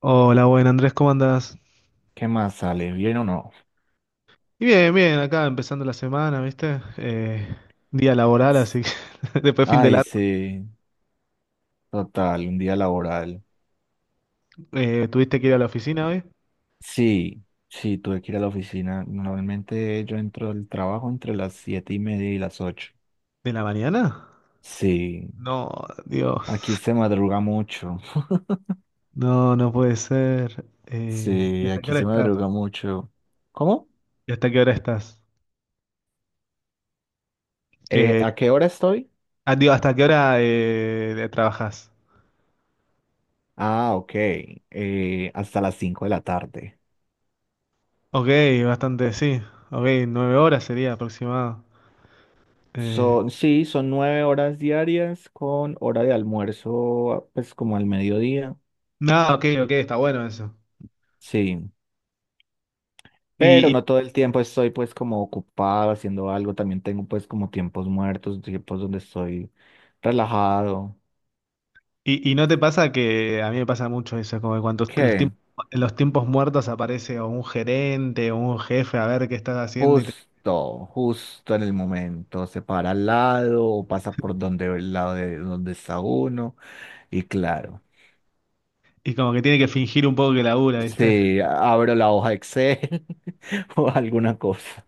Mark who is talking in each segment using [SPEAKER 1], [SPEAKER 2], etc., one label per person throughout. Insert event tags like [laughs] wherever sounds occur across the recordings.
[SPEAKER 1] Hola, buen Andrés, ¿cómo andás?
[SPEAKER 2] ¿Qué más sale? ¿Bien o no?
[SPEAKER 1] Y bien, bien, acá empezando la semana, ¿viste? Día laboral, así que [laughs] después fin de
[SPEAKER 2] Ay,
[SPEAKER 1] largo.
[SPEAKER 2] sí, total, un día laboral.
[SPEAKER 1] ¿Tuviste que ir a la oficina hoy?
[SPEAKER 2] Sí, sí, tuve que ir a la oficina. Normalmente yo entro al trabajo entre las 7:30 y las 8.
[SPEAKER 1] ¿De la mañana?
[SPEAKER 2] Sí,
[SPEAKER 1] No,
[SPEAKER 2] aquí
[SPEAKER 1] Dios,
[SPEAKER 2] se madruga mucho. [laughs]
[SPEAKER 1] no, no puede ser. ¿Y
[SPEAKER 2] Sí,
[SPEAKER 1] hasta qué
[SPEAKER 2] aquí
[SPEAKER 1] hora
[SPEAKER 2] se
[SPEAKER 1] estás?
[SPEAKER 2] madruga mucho. ¿Cómo?
[SPEAKER 1] ¿Y hasta qué hora estás? Eh,
[SPEAKER 2] ¿A qué hora estoy?
[SPEAKER 1] ah, digo, ¿hasta qué hora trabajas?
[SPEAKER 2] Ah, ok. Hasta las 5 de la tarde.
[SPEAKER 1] Ok, bastante, sí. Ok, nueve horas sería aproximado. Eh,
[SPEAKER 2] Son, sí, son 9 horas diarias con hora de almuerzo, pues como al mediodía.
[SPEAKER 1] no, ok, ok, está bueno eso.
[SPEAKER 2] Sí. Pero
[SPEAKER 1] ¿Y,
[SPEAKER 2] no todo el tiempo estoy pues como ocupado haciendo algo, también tengo pues como tiempos muertos, tiempos donde estoy relajado.
[SPEAKER 1] y no te pasa que a mí me pasa mucho eso, como que cuando
[SPEAKER 2] ¿Qué?
[SPEAKER 1] en los tiempos muertos aparece o un gerente o un jefe a ver qué estás haciendo y,
[SPEAKER 2] Justo, justo en el momento, se para al lado o pasa por donde el lado de donde está uno y claro,
[SPEAKER 1] y como que tiene que fingir un poco que labura, ¿viste?
[SPEAKER 2] sí, abro la hoja Excel [laughs] o alguna cosa.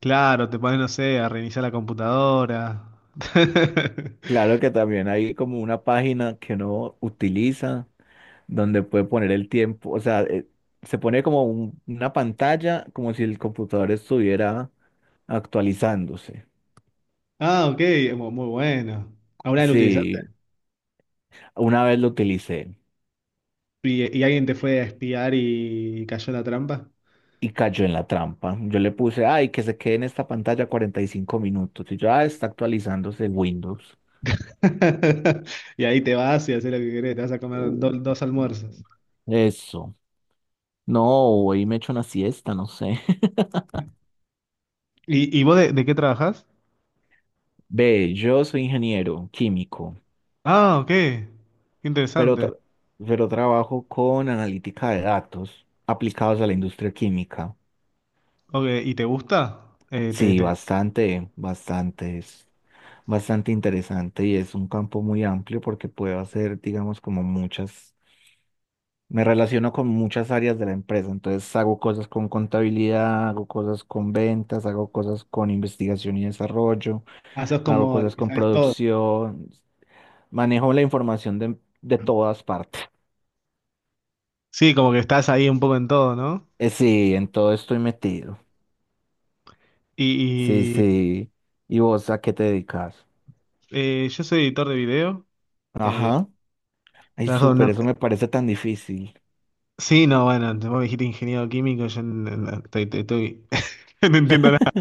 [SPEAKER 1] Claro, te pones, no sé, a reiniciar la computadora. [laughs]
[SPEAKER 2] Claro que también hay como una página que uno utiliza donde puede poner el tiempo, o sea, se pone como una pantalla, como si el computador estuviera actualizándose.
[SPEAKER 1] Ah, ok, muy bueno. ¿Ahora lo utilizaste?
[SPEAKER 2] Sí, una vez lo utilicé
[SPEAKER 1] Y alguien te fue a espiar y cayó en la trampa?
[SPEAKER 2] y cayó en la trampa. Yo le puse, ay, que se quede en esta pantalla 45 minutos. Y yo, ah, está actualizándose Windows.
[SPEAKER 1] [laughs] Y ahí te vas y haces lo que querés, te vas a comer
[SPEAKER 2] Mm,
[SPEAKER 1] dos almuerzos.
[SPEAKER 2] eso. No, hoy me echo una siesta, no sé. [laughs]
[SPEAKER 1] Y vos de qué trabajás?
[SPEAKER 2] Ve, yo soy ingeniero químico.
[SPEAKER 1] Ah, ok, qué
[SPEAKER 2] pero,
[SPEAKER 1] interesante.
[SPEAKER 2] tra- pero trabajo con analítica de datos aplicados a la industria química.
[SPEAKER 1] Ok, ¿y te gusta?
[SPEAKER 2] Sí, bastante, bastante, es bastante interesante y es un campo muy amplio porque puedo hacer, digamos, como muchas, me relaciono con muchas áreas de la empresa, entonces hago cosas con contabilidad, hago cosas con ventas, hago cosas con investigación y desarrollo,
[SPEAKER 1] Ah, sos
[SPEAKER 2] hago
[SPEAKER 1] como el
[SPEAKER 2] cosas
[SPEAKER 1] que
[SPEAKER 2] con
[SPEAKER 1] sabes todo.
[SPEAKER 2] producción, manejo la información de todas partes.
[SPEAKER 1] Sí, como que estás ahí un poco en todo, ¿no?
[SPEAKER 2] Sí, en todo estoy metido. Sí,
[SPEAKER 1] Y, y,
[SPEAKER 2] sí. ¿Y vos a qué te dedicas?
[SPEAKER 1] yo soy editor de video. eh,
[SPEAKER 2] Ajá. Ay,
[SPEAKER 1] trabajo en
[SPEAKER 2] súper,
[SPEAKER 1] una-
[SPEAKER 2] eso me parece tan difícil.
[SPEAKER 1] Sí, no, bueno, vos me dijiste ingeniero químico, yo n- n- estoy- estoy- estoy- [laughs] no entiendo nada,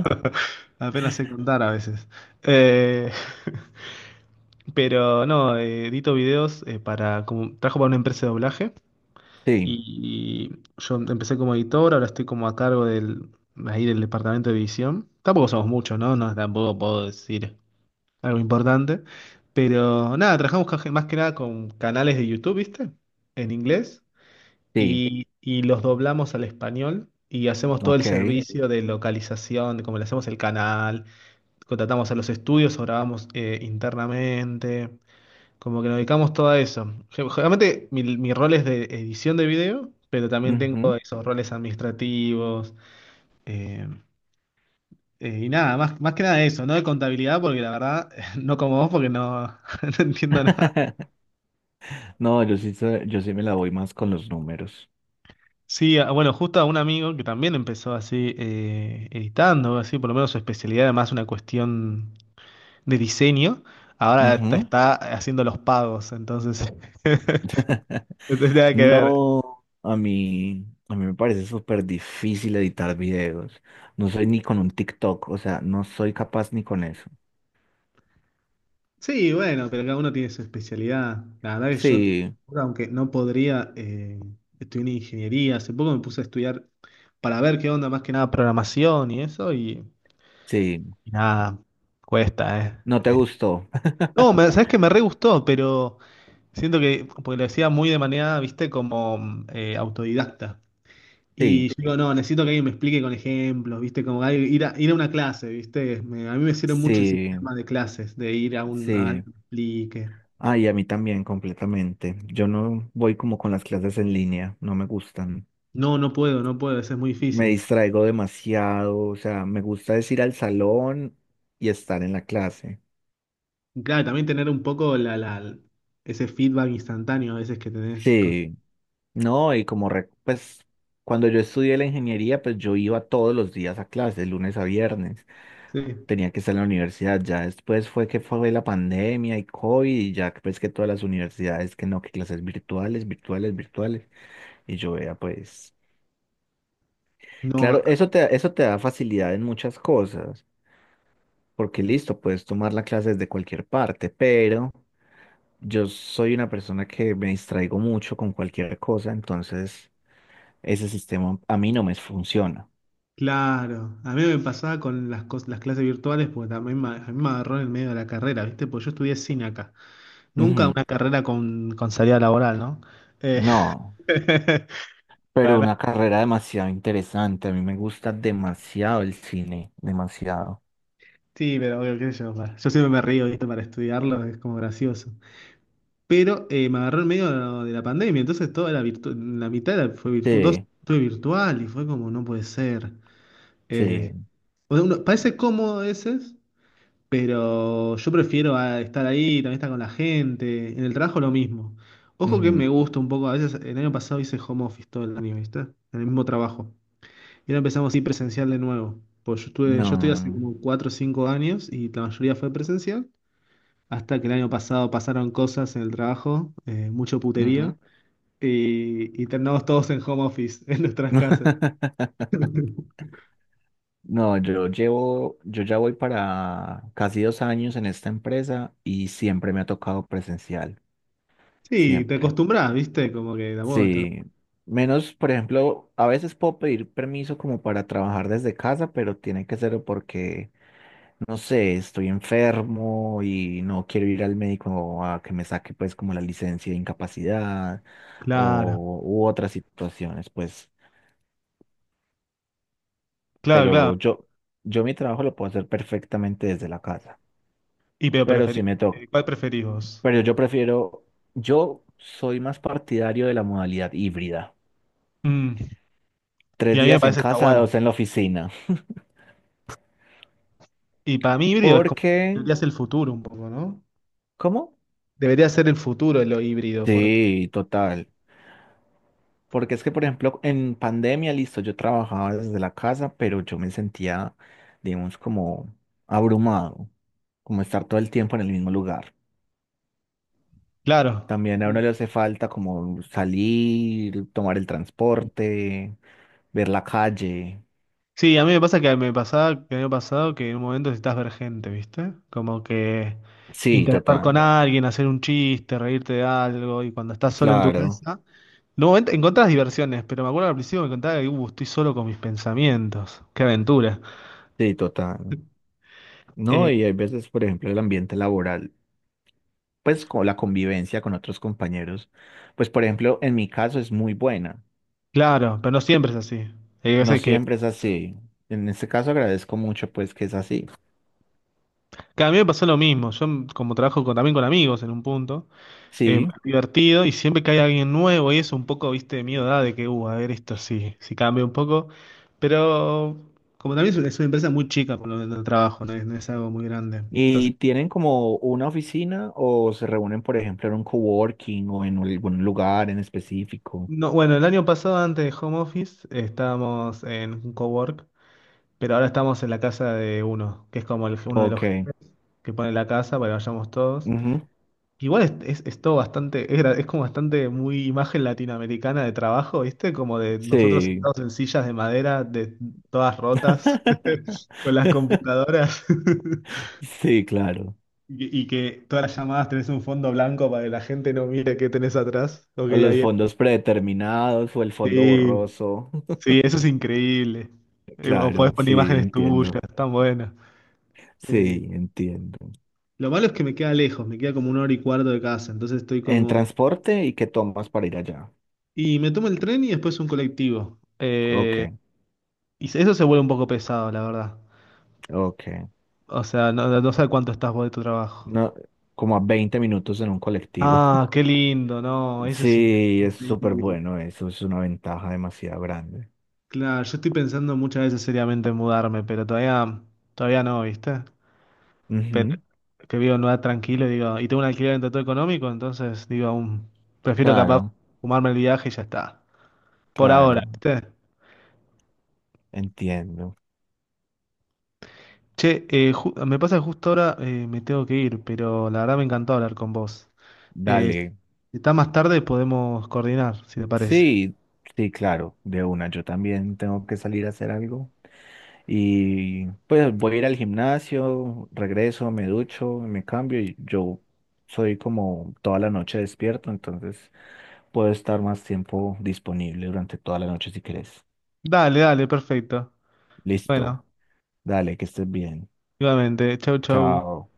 [SPEAKER 1] apenas sé contar a veces. Eh, [laughs] pero no, edito videos para, como, trabajo para una empresa de doblaje.
[SPEAKER 2] Sí,
[SPEAKER 1] Y yo empecé como editor, ahora estoy como a cargo del, ahí del departamento de edición. Tampoco somos muchos, ¿no? No, tampoco puedo decir algo importante. Pero nada, trabajamos más que nada con canales de YouTube, ¿viste? En inglés.
[SPEAKER 2] sí,
[SPEAKER 1] Y los doblamos al español y hacemos todo el
[SPEAKER 2] ok.
[SPEAKER 1] servicio de localización, de cómo le hacemos el canal, contratamos a los estudios o grabamos internamente. Como que nos dedicamos todo a eso. Generalmente mi rol es de edición de video, pero también tengo
[SPEAKER 2] Ujú.
[SPEAKER 1] esos roles administrativos. eh, y nada, más, más que nada eso, no de contabilidad, porque la verdad, [laughs] no como vos, porque no, [laughs] no entiendo nada.
[SPEAKER 2] [laughs] No, yo sí, yo sí me la voy más con los números.
[SPEAKER 1] Sí, ah, bueno, justo a un amigo que también empezó así editando, así por lo menos su especialidad, además una cuestión de diseño, ahora está,
[SPEAKER 2] Ujú.
[SPEAKER 1] está haciendo los pagos, entonces [laughs] no tiene nada que ver.
[SPEAKER 2] No, a mí me parece súper difícil editar videos. No soy ni con un TikTok, o sea, no soy capaz ni con eso.
[SPEAKER 1] Sí, bueno, pero cada uno tiene su especialidad. La verdad que yo,
[SPEAKER 2] Sí,
[SPEAKER 1] aunque no podría, estudié en ingeniería. Hace poco me puse a estudiar para ver qué onda, más que nada programación y eso,
[SPEAKER 2] sí.
[SPEAKER 1] y nada, cuesta, ¿eh?
[SPEAKER 2] ¿No te gustó? [laughs]
[SPEAKER 1] No, me, sabes que me re gustó, pero siento que, porque lo hacía muy de manera, viste, como autodidacta. Y
[SPEAKER 2] Sí,
[SPEAKER 1] yo digo, no, necesito que alguien me explique con ejemplos, viste, como ir a una clase, viste. A mí me sirve mucho el
[SPEAKER 2] sí,
[SPEAKER 1] sistema de clases, de ir a, un, a
[SPEAKER 2] sí.
[SPEAKER 1] alguien que me explique.
[SPEAKER 2] Ah, y a mí también, completamente. Yo no voy como con las clases en línea, no me gustan.
[SPEAKER 1] No, no puedo, no puedo, eso es muy
[SPEAKER 2] Me
[SPEAKER 1] difícil.
[SPEAKER 2] distraigo demasiado, o sea, me gusta es ir al salón y estar en la clase.
[SPEAKER 1] Y Claro, también tener un poco ese feedback instantáneo a veces que tenés con...
[SPEAKER 2] Sí, no, y como, pues, cuando yo estudié la ingeniería, pues yo iba todos los días a clases, lunes a viernes.
[SPEAKER 1] Sí.
[SPEAKER 2] Tenía que estar en la universidad, ya después fue que fue la pandemia y COVID, y ya pues que todas las universidades, que no, que clases virtuales, virtuales, virtuales. Y yo vea, pues.
[SPEAKER 1] No,
[SPEAKER 2] Claro,
[SPEAKER 1] a-
[SPEAKER 2] eso te da facilidad en muchas cosas, porque listo, puedes tomar la clase desde cualquier parte, pero yo soy una persona que me distraigo mucho con cualquier cosa, entonces ese sistema a mí no me funciona.
[SPEAKER 1] claro. A mí me pasaba con las, las clases virtuales porque también me, a mí me agarró en el medio de la carrera, ¿viste? Porque yo estudié cine acá. Nunca
[SPEAKER 2] Ujú.
[SPEAKER 1] una carrera con salida laboral, ¿no? Eh,
[SPEAKER 2] No,
[SPEAKER 1] [laughs]
[SPEAKER 2] pero una carrera demasiado interesante, a mí me gusta demasiado el cine, demasiado.
[SPEAKER 1] Sí, pero bueno, qué sé yo, yo siempre me río, ¿viste? Para estudiarlo es como gracioso. Pero me agarró en medio de la pandemia, entonces toda fue virtual, dos
[SPEAKER 2] Sí,
[SPEAKER 1] fue virtual y fue como, no puede ser.
[SPEAKER 2] sí.
[SPEAKER 1] Eh, o sea, parece cómodo a veces, pero yo prefiero a estar ahí, también estar con la gente, en el trabajo lo mismo. Ojo que
[SPEAKER 2] Ujú.
[SPEAKER 1] me gusta un poco, a veces el año pasado hice home office todo el año, ¿viste? En el mismo trabajo. Y ahora empezamos así presencial de nuevo. Pues yo estuve, yo estoy hace
[SPEAKER 2] No.
[SPEAKER 1] como 4 o 5 años y la mayoría fue presencial. Hasta que el año pasado pasaron cosas en el trabajo, mucho putería
[SPEAKER 2] Ujú.
[SPEAKER 1] y terminamos todos en home office, [laughs] en nuestras casas.
[SPEAKER 2] [laughs]
[SPEAKER 1] [laughs]
[SPEAKER 2] No, yo llevo, yo ya voy para casi 2 años en esta empresa y siempre me ha tocado presencial,
[SPEAKER 1] Sí, te
[SPEAKER 2] siempre.
[SPEAKER 1] acostumbras, ¿viste? Como que tampoco está tan-
[SPEAKER 2] Sí, menos, por ejemplo, a veces puedo pedir permiso como para trabajar desde casa, pero tiene que ser porque, no sé, estoy enfermo y no quiero ir al médico a que me saque pues como la licencia de incapacidad
[SPEAKER 1] Claro,
[SPEAKER 2] o u otras situaciones, pues,
[SPEAKER 1] claro, claro.
[SPEAKER 2] pero yo mi trabajo lo puedo hacer perfectamente desde la casa,
[SPEAKER 1] Y pero
[SPEAKER 2] pero
[SPEAKER 1] preferís,
[SPEAKER 2] sí me toca.
[SPEAKER 1] ¿Cuál preferís vos?
[SPEAKER 2] Pero yo prefiero, yo soy más partidario de la modalidad híbrida.
[SPEAKER 1] Mm,
[SPEAKER 2] Tres
[SPEAKER 1] y a mí me
[SPEAKER 2] días en
[SPEAKER 1] parece que está
[SPEAKER 2] casa,
[SPEAKER 1] bueno.
[SPEAKER 2] 2 en la oficina.
[SPEAKER 1] Y para mí híbrido es como
[SPEAKER 2] Porque,
[SPEAKER 1] debería ser el futuro un poco, ¿no?
[SPEAKER 2] ¿cómo?
[SPEAKER 1] Debería ser el futuro lo híbrido, porque
[SPEAKER 2] Sí, total. Porque es que, por ejemplo, en pandemia, listo, yo trabajaba desde la casa, pero yo me sentía, digamos, como abrumado, como estar todo el tiempo en el mismo lugar.
[SPEAKER 1] claro,
[SPEAKER 2] También a uno le hace falta como salir, tomar el transporte, ver la calle.
[SPEAKER 1] sí, a mí me pasa que me pasaba, que me ha pasado que en un momento necesitas ver gente, ¿viste? Como que
[SPEAKER 2] Sí,
[SPEAKER 1] interactuar con
[SPEAKER 2] total.
[SPEAKER 1] alguien, hacer un chiste, reírte de algo, y cuando estás solo en tu
[SPEAKER 2] Claro,
[SPEAKER 1] casa, en un momento encontrás diversiones, pero me acuerdo que al principio me contaba que estoy solo con mis pensamientos, qué aventura.
[SPEAKER 2] sí, total. No,
[SPEAKER 1] Eh,
[SPEAKER 2] y hay veces, por ejemplo, el ambiente laboral, pues con la convivencia con otros compañeros, pues por ejemplo, en mi caso es muy buena.
[SPEAKER 1] claro, pero no siempre es así. Hay
[SPEAKER 2] No
[SPEAKER 1] veces
[SPEAKER 2] siempre es así. En este caso agradezco mucho, pues, que es así.
[SPEAKER 1] que a mí me pasó lo mismo, yo como trabajo también con amigos en un punto.
[SPEAKER 2] Sí.
[SPEAKER 1] Divertido y siempre que hay alguien nuevo y eso un poco, viste, de miedo da de que, a ver esto sí, si cambia un poco, pero como también es una empresa muy chica por lo menos el trabajo, no es, no es algo muy grande. Entonces,
[SPEAKER 2] ¿Y tienen como una oficina o se reúnen, por ejemplo, en un coworking o en algún lugar en específico?
[SPEAKER 1] no, bueno, el año pasado antes de home office estábamos en un cowork, pero ahora estamos en la casa de uno, que es como uno de los
[SPEAKER 2] Ok.
[SPEAKER 1] que pone la casa para que vayamos todos.
[SPEAKER 2] Ujú.
[SPEAKER 1] Igual es todo bastante, es como bastante muy imagen latinoamericana de trabajo, ¿viste? Como de nosotros
[SPEAKER 2] Sí.
[SPEAKER 1] sentados en sillas de madera, de todas rotas, [laughs] con las
[SPEAKER 2] [laughs]
[SPEAKER 1] computadoras, [laughs]
[SPEAKER 2] Sí, claro.
[SPEAKER 1] y que todas las llamadas tenés un fondo blanco para que la gente no mire qué tenés atrás, lo que
[SPEAKER 2] O
[SPEAKER 1] hay
[SPEAKER 2] los
[SPEAKER 1] ahí.
[SPEAKER 2] fondos predeterminados o el fondo
[SPEAKER 1] Sí,
[SPEAKER 2] borroso. [laughs]
[SPEAKER 1] sí, eso es increíble. O podés
[SPEAKER 2] Claro,
[SPEAKER 1] poner
[SPEAKER 2] sí,
[SPEAKER 1] imágenes Sí. tuyas,
[SPEAKER 2] entiendo.
[SPEAKER 1] tan buenas. Eh,
[SPEAKER 2] Sí, entiendo.
[SPEAKER 1] lo malo es que me queda lejos, me queda como una hora y cuarto de casa, entonces estoy
[SPEAKER 2] ¿En
[SPEAKER 1] como...
[SPEAKER 2] transporte y qué tomas para ir allá?
[SPEAKER 1] Y me tomo el tren y después un colectivo.
[SPEAKER 2] Ok,
[SPEAKER 1] Y eso se vuelve un poco pesado, la verdad.
[SPEAKER 2] ok.
[SPEAKER 1] O sea, no, no sabes cuánto estás vos de tu trabajo.
[SPEAKER 2] No, como a 20 minutos en un colectivo. [laughs]
[SPEAKER 1] Ah, qué lindo, no, eso es
[SPEAKER 2] Sí, es súper
[SPEAKER 1] increíble.
[SPEAKER 2] bueno eso, es una ventaja demasiado grande.
[SPEAKER 1] Claro, yo estoy pensando muchas veces seriamente en mudarme, pero todavía, todavía no, ¿viste? Pero
[SPEAKER 2] Ujú,
[SPEAKER 1] que vivo en un lugar tranquilo, digo, y tengo un alquiler en todo económico, entonces digo, aún prefiero capaz
[SPEAKER 2] claro,
[SPEAKER 1] fumarme el viaje y ya está. Por ahora,
[SPEAKER 2] claro,
[SPEAKER 1] ¿viste?
[SPEAKER 2] entiendo.
[SPEAKER 1] Che, me pasa que justo ahora me tengo que ir, pero la verdad me encantó hablar con vos. Eh,
[SPEAKER 2] Dale,
[SPEAKER 1] si está más tarde podemos coordinar, si te parece.
[SPEAKER 2] sí, sí, claro, de una. Yo también tengo que salir a hacer algo. Y pues voy a ir al gimnasio, regreso, me ducho, me cambio y yo soy como toda la noche despierto, entonces puedo estar más tiempo disponible durante toda la noche si querés.
[SPEAKER 1] Dale, dale, perfecto.
[SPEAKER 2] Listo,
[SPEAKER 1] Bueno,
[SPEAKER 2] dale, que estés bien.
[SPEAKER 1] igualmente. Chau, chau.
[SPEAKER 2] Chao.